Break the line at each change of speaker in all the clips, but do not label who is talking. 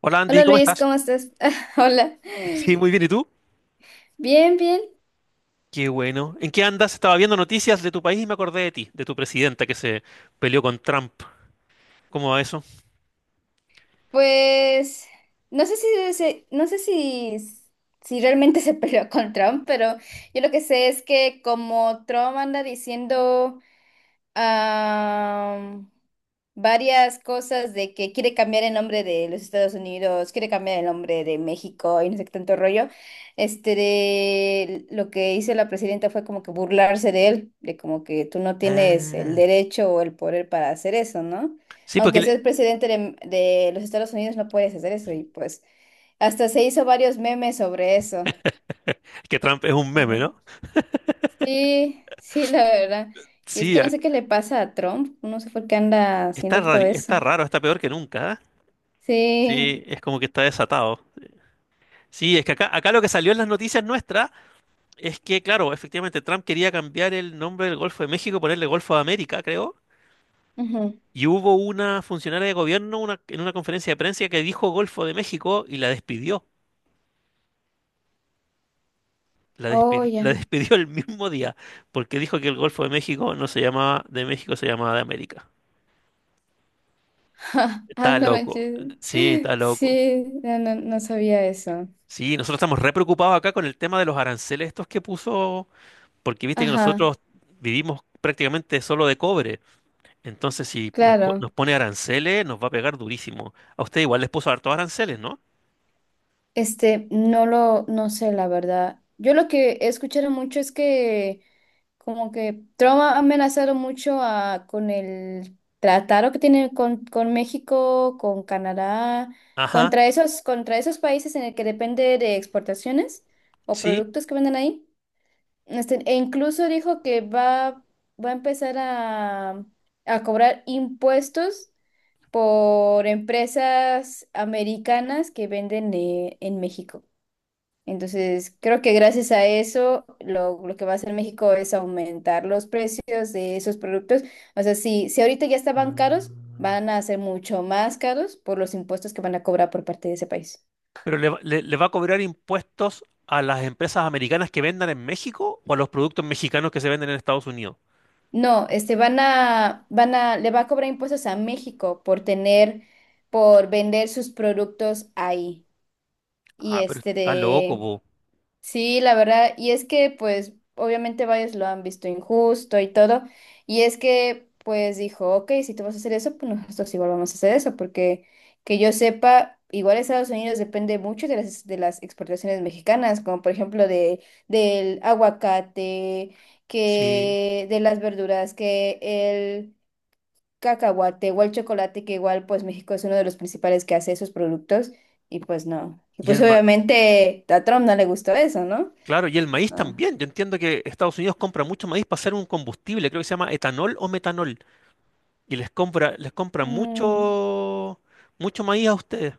Hola Andy,
Hola
¿cómo
Luis,
estás?
¿cómo estás? Hola.
Sí, muy bien, ¿y tú?
Bien, bien.
Qué bueno. ¿En qué andas? Estaba viendo noticias de tu país y me acordé de ti, de tu presidenta que se peleó con Trump. ¿Cómo va eso?
Pues no sé si no sé si si realmente se peleó con Trump, pero yo lo que sé es que como Trump anda diciendo am, varias cosas de que quiere cambiar el nombre de los Estados Unidos, quiere cambiar el nombre de México y no sé qué tanto rollo. Este de lo que hizo la presidenta fue como que burlarse de él, de como que tú no tienes el
Ah,
derecho o el poder para hacer eso, ¿no?
sí,
Aunque seas presidente de los Estados Unidos, no puedes hacer eso. Y pues hasta se hizo varios memes sobre eso.
que Trump es un meme, ¿no?
Sí, sí, la verdad. Y es
Sí,
que no sé qué le pasa a Trump, no sé por qué anda haciendo todo eso.
está raro, está peor que nunca. ¿Eh? Sí,
Sí,
es como que está desatado. Sí, es que acá lo que salió en las noticias nuestras es que, claro, efectivamente Trump quería cambiar el nombre del Golfo de México, ponerle Golfo de América, creo.
ujú.
Y hubo una funcionaria de gobierno en una conferencia de prensa que dijo Golfo de México y la despidió.
Oh,
La
ya.
despidió el mismo día porque dijo que el Golfo de México no se llamaba de México, se llamaba de América.
Ah,
Está
no
loco.
manches.
Sí, está loco.
Sí, no, no, no sabía eso.
Sí, nosotros estamos re preocupados acá con el tema de los aranceles estos que puso, porque viste que
Ajá,
nosotros vivimos prácticamente solo de cobre. Entonces, si
claro.
nos pone aranceles, nos va a pegar durísimo. A usted igual les puso hartos aranceles, ¿no?
Este, no lo, no sé, la verdad. Yo lo que he escuchado mucho es que como que Trump ha amenazado mucho a, con el tratado que tiene con México, con Canadá,
Ajá,
contra esos países en el que depende de exportaciones o
sí.
productos que venden ahí. Este, e incluso dijo que va, va a empezar a, a cobrar impuestos por empresas americanas que venden en México. Entonces, creo que gracias a eso, lo que va a hacer México es aumentar los precios de esos productos. O sea, si ahorita ya estaban caros,
Ah.
van a ser mucho más caros por los impuestos que van a cobrar por parte de ese país.
Pero le va a cobrar impuestos a las empresas americanas que vendan en México o a los productos mexicanos que se venden en Estados Unidos.
No, este, le va a cobrar impuestos a México por tener, por vender sus productos ahí. Y
Ah, pero
este
está loco,
de,
po.
sí, la verdad, y es que pues obviamente varios lo han visto injusto y todo, y es que pues dijo, ok, si tú vas a hacer eso, pues nosotros igual vamos a hacer eso, porque que yo sepa, igual Estados Unidos depende mucho de las exportaciones mexicanas, como por ejemplo de, del aguacate,
Sí.
que de las verduras, que el cacahuate o el chocolate, que igual pues México es uno de los principales que hace esos productos, y pues no, y
Y
pues
el ma-
obviamente a Trump no le gustó eso, ¿no?
claro, y el maíz
Ah,
también. Yo entiendo que Estados Unidos compra mucho maíz para hacer un combustible, creo que se llama etanol o metanol. Y les compra
mm,
mucho, mucho maíz a ustedes.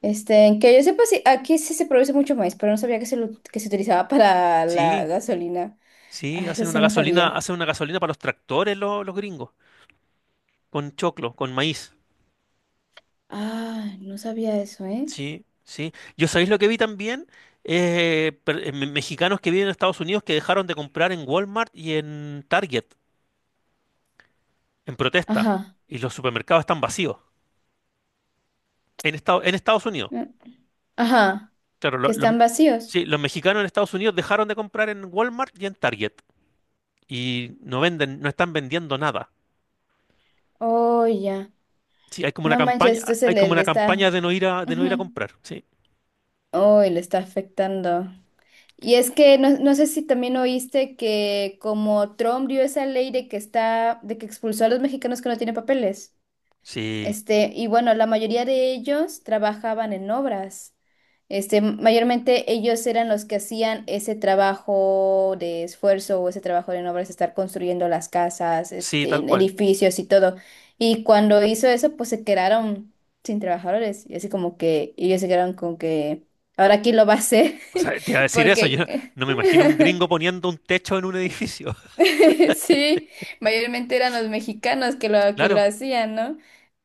este, que yo sepa, sí, aquí sí se produce mucho maíz, pero no sabía que que se utilizaba para la
Sí,
gasolina.
sí,
Ah, eso
hacen
sí
una
no
gasolina,
sabía.
hacen una gasolina para los tractores los gringos, con choclo, con maíz.
Ah, no sabía eso, ¿eh?
Sí, sí. Yo sabéis lo que vi también, mexicanos que viven en Estados Unidos que dejaron de comprar en Walmart y en Target en protesta
Ajá.
y los supermercados están vacíos en Estados Unidos.
Mm, ajá.
Claro,
Que están vacíos.
sí, los mexicanos en Estados Unidos dejaron de comprar en Walmart y en Target y no venden, no están vendiendo nada.
Oh, ya.
Sí, hay como una
No manches, esto
campaña,
se
hay
le,
como
le
una campaña
está.
de no ir a
Ujú.
comprar. Sí,
Oh, y le está afectando. Y es que no, no sé si también oíste que como Trump dio esa ley de que está, de que expulsó a los mexicanos que no tienen papeles.
sí,
Este, y bueno, la mayoría de ellos trabajaban en obras. Este, mayormente ellos eran los que hacían ese trabajo de esfuerzo o ese trabajo en obras, estar construyendo las casas,
sí,
este,
tal cual.
edificios y todo. Y cuando hizo eso, pues se quedaron sin trabajadores. Y así como que ellos se quedaron con que ahora quién lo va a hacer,
O sea, te iba a decir eso, yo
porque
no me imagino un gringo poniendo un techo en un edificio.
sí, mayormente eran los mexicanos que lo
Claro.
hacían, ¿no?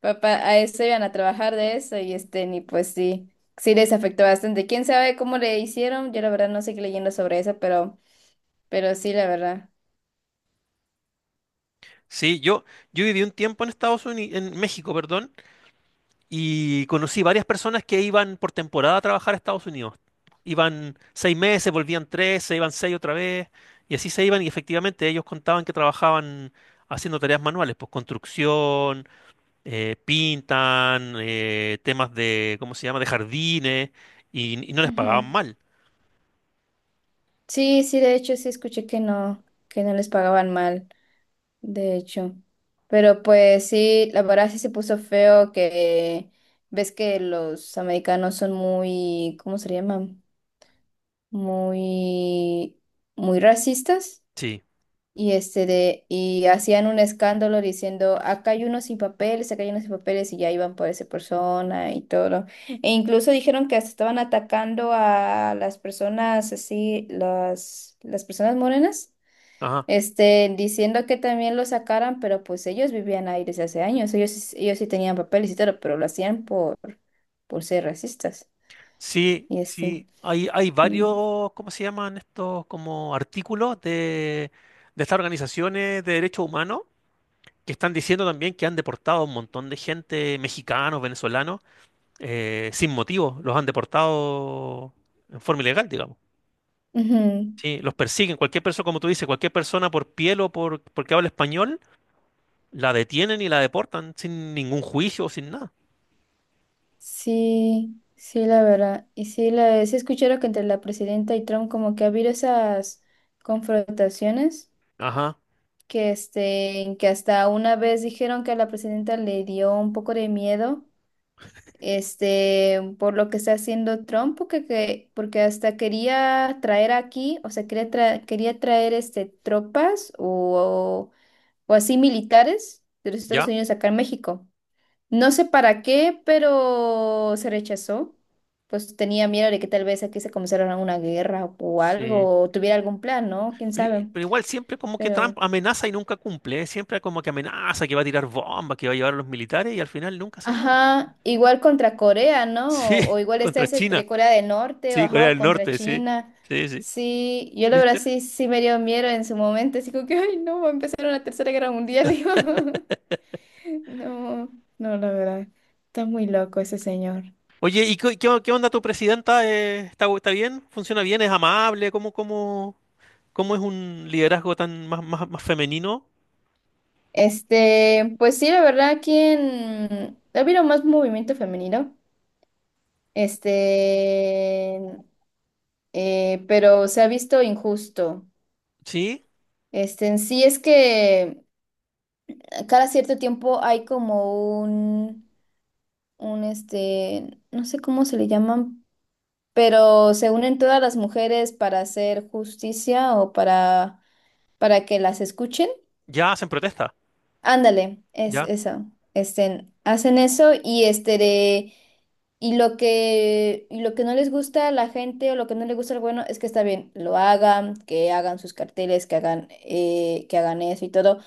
Papá, a eso iban a trabajar de eso y este, ni pues sí, sí les afectó bastante. ¿Quién sabe cómo le hicieron? Yo la verdad no seguí leyendo sobre eso, pero sí, la verdad.
Sí, yo viví un tiempo en Estados Unidos, en México, perdón, y conocí varias personas que iban por temporada a trabajar a Estados Unidos. Iban 6 meses, volvían tres, se iban seis otra vez, y así se iban, y efectivamente ellos contaban que trabajaban haciendo tareas manuales, pues construcción, pintan, temas de, ¿cómo se llama?, de jardines, y no les
Ujú.
pagaban mal.
Sí, sí, de hecho sí escuché que no les pagaban mal, de hecho. Pero pues sí, la verdad sí se puso feo que ves que los americanos son muy, ¿cómo se llama? Muy, muy racistas
Sí,
y, este de, y hacían un escándalo diciendo, acá hay unos sin papeles, acá hay unos sin papeles y ya iban por esa persona y todo. E incluso dijeron que hasta estaban atacando a las personas así, las personas morenas.
ajá.
Este, diciendo que también lo sacaran, pero pues ellos vivían ahí desde hace años, ellos sí tenían papeles y todo, pero lo hacían por ser racistas.
Sí,
Y este,
sí, hay
sí.
varios, ¿cómo se llaman estos como artículos de estas organizaciones de derechos humanos que están diciendo también que han deportado a un montón de gente, mexicanos, venezolanos, sin motivo, los han deportado en forma ilegal, digamos.
Ujú.
Sí, los persiguen, cualquier persona, como tú dices, cualquier persona por piel o por, porque habla español, la detienen y la deportan sin ningún juicio, sin nada.
Sí, sí, la verdad. Y sí, sí escucharon que entre la presidenta y Trump como que ha habido esas confrontaciones
Ajá,
que hasta una vez dijeron que a la presidenta le dio un poco de miedo, este, por lo que está haciendo Trump, porque hasta quería traer aquí, o sea, quería traer este, tropas o así militares de los Estados
¿ya?
Unidos acá en México. No sé para qué, pero se rechazó. Pues tenía miedo de que tal vez aquí se comenzara una guerra o
Sí.
algo, o tuviera algún plan, ¿no? ¿Quién sabe?
Pero igual siempre como que
Pero,
Trump amenaza y nunca cumple, ¿eh? Siempre como que amenaza, que va a tirar bombas, que va a llevar a los militares y al final nunca hace nada.
ajá, igual contra Corea,
Sí,
¿no? O, igual está
contra
ese
China,
entre Corea del Norte, o,
sí,
ajá,
Corea
o
del
contra
Norte, sí,
China.
sí, sí,
Sí, yo la verdad
¿viste?
sí, sí me dio miedo en su momento, así como que, ay, no, va a empezar una tercera guerra mundial. Y yo, no, no, la verdad, está muy loco ese señor.
Oye, ¿y qué onda tu presidenta? ¿Está, está bien? ¿Funciona bien? ¿Es amable? ¿Cómo es un liderazgo tan más, más, más femenino?
Este, pues sí, la verdad, aquí en... Ha habido más movimiento femenino, este, pero se ha visto injusto.
¿Sí?
Este, en sí es que cada cierto tiempo hay como un, este, no sé cómo se le llaman, pero se unen todas las mujeres para hacer justicia o para que las escuchen.
Ya hacen protesta,
Ándale, es
ya.
eso. Este, hacen eso y este de, y lo que no les gusta a la gente o lo que no le gusta al bueno es que está bien, lo hagan, que hagan sus carteles, que hagan eso y todo,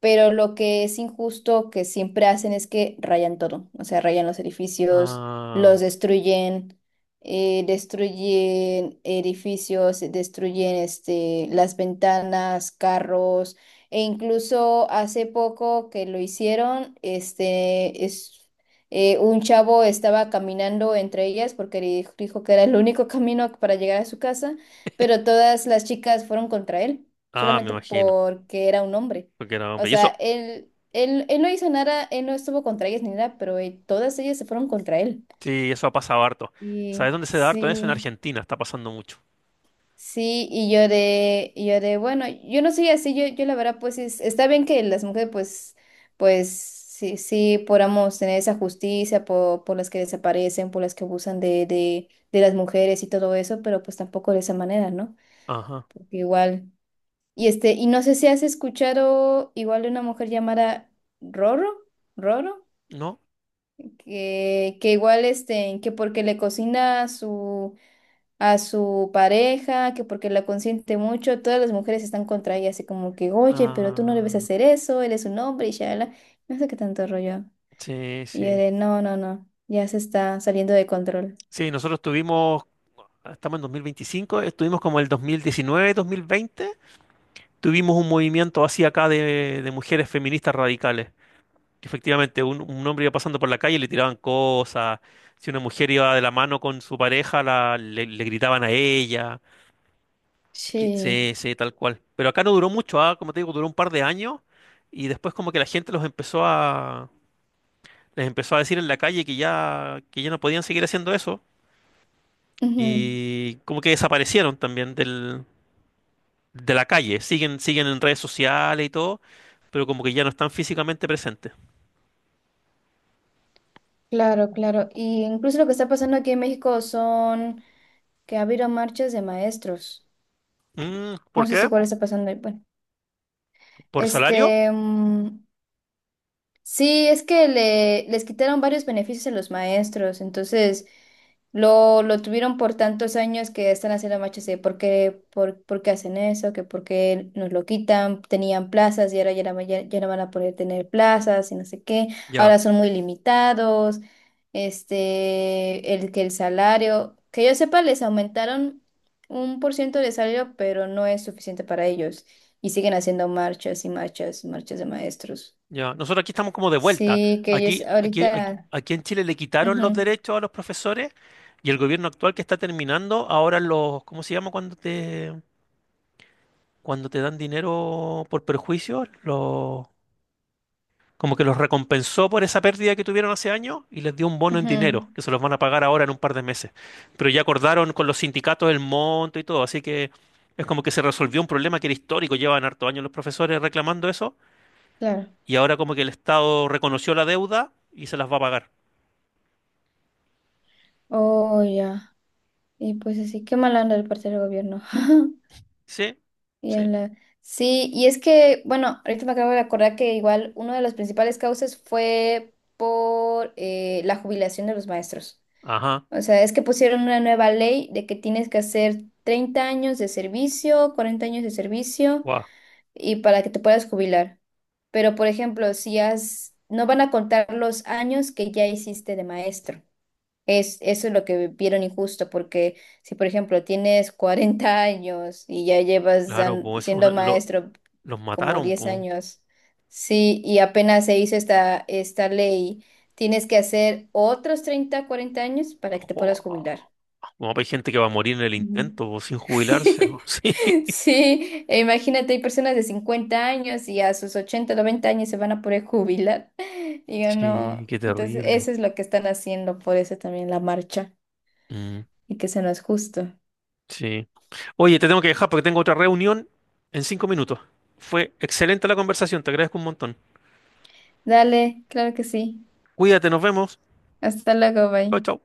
pero lo que es injusto que siempre hacen es que rayan todo, o sea, rayan los edificios,
Ah,
los destruyen, destruyen edificios, destruyen este las ventanas, carros e incluso hace poco que lo hicieron, este es un chavo estaba caminando entre ellas porque dijo que era el único camino para llegar a su casa, pero todas las chicas fueron contra él,
ah, me
solamente
imagino,
porque era un hombre.
porque era
O
hombre. ¿Y
sea,
eso?
él no hizo nada, él no estuvo contra ellas ni nada, pero todas ellas se fueron contra él.
Sí, eso ha pasado harto.
Y
¿Sabes dónde se da harto eso? En
sí.
Argentina está pasando mucho.
Sí, bueno, yo, no soy así, yo la verdad, pues es- está bien que las mujeres, pues, pues, sí, sí, podamos tener esa justicia por las que desaparecen, por las que abusan de las mujeres y todo eso, pero pues tampoco de esa manera, ¿no?
Ajá.
Porque igual, y este, y no sé si has escuchado igual de una mujer llamada Roro, Roro,
¿No?
que igual, este, que porque le cocina su a su pareja, que porque la consiente mucho, todas las mujeres están contra ella, así como que, oye, pero tú no debes
Ah,
hacer eso, él es un hombre y ya, no sé qué tanto rollo.
sí,
Y yo
sí.
de, no, no, no, ya se está saliendo de control.
Sí, nosotros estamos en 2025, estuvimos como el 2019, 2020, tuvimos un movimiento así acá de mujeres feministas radicales, que efectivamente, un hombre iba pasando por la calle y le tiraban cosas. Si una mujer iba de la mano con su pareja, le gritaban a ella. Sí,
Sí.
sí, tal cual. Pero acá no duró mucho, ah, como te digo, duró un par de años y después como que la gente los empezó a les empezó a decir en la calle que ya no podían seguir haciendo eso
Ujú,
y como que desaparecieron también del de la calle. Siguen en redes sociales y todo, pero como que ya no están físicamente presentes.
claro, claro. Y incluso lo que está pasando aquí en México son que ha habido marchas de maestros.
Mm,
No
¿por
sé si
qué?
cuál está pasando ahí. Bueno,
¿Por salario?
este, mm, sí, es que les quitaron varios beneficios a los maestros, entonces lo tuvieron por tantos años que están haciendo machos de por qué hacen eso, que por qué nos lo quitan, tenían plazas y ahora ya, no ya, ya no van a poder tener plazas y no sé qué,
Ya.
ahora son muy limitados, este, el que el salario, que yo sepa, les aumentaron un por ciento de salario, pero no es suficiente para ellos y siguen haciendo marchas y marchas, y marchas de maestros.
Ya, nosotros aquí estamos como de vuelta.
Sí, que ellos
Aquí, aquí, aquí,
ahorita.
aquí en Chile le quitaron los
Ujú,
derechos a los profesores y el gobierno actual que está terminando, ahora los, ¿cómo se llama cuando te dan dinero por perjuicio? Los, como que los recompensó por esa pérdida que tuvieron hace años y les dio un bono en
ujú,
dinero, que se los van a pagar ahora en un par de meses. Pero ya acordaron con los sindicatos el monto y todo, así que es como que se resolvió un problema que era histórico, llevan harto años los profesores reclamando eso.
claro.
Y ahora como que el Estado reconoció la deuda y se las va a pagar.
Oh, ya. Y pues así, qué mal anda el partido del gobierno.
Sí,
Y a
sí.
la- sí, y es que, bueno, ahorita me acabo de acordar que igual una de las principales causas fue por la jubilación de los maestros.
Ajá.
O sea, es que pusieron una nueva ley de que tienes que hacer 30 años de servicio, 40 años de servicio
Guau.
y para que te puedas jubilar. Pero, por ejemplo, si has, no van a contar los años que ya hiciste de maestro. Es, eso es lo que vieron injusto, porque si, por ejemplo, tienes 40 años y ya llevas
Claro, pues eso es
siendo maestro
los
como
mataron,
10
pues.
años, sí, y apenas se hizo esta ley, tienes que hacer otros 30 40 años para que te puedas jubilar.
Guau. Como hay gente que va a morir en el intento, po, sin jubilarse. Po. Sí.
Sí, e imagínate, hay personas de 50 años y a sus 80, 90 años se van a poder jubilar. Digo,
Sí,
no.
qué
Entonces,
terrible.
eso es lo que están haciendo, por eso también la marcha
Mm,
y que se nos justo.
sí. Oye, te tengo que dejar porque tengo otra reunión en 5 minutos. Fue excelente la conversación, te agradezco un montón.
Dale, claro que sí.
Cuídate, nos vemos.
Hasta luego, bye.
Chao, chao.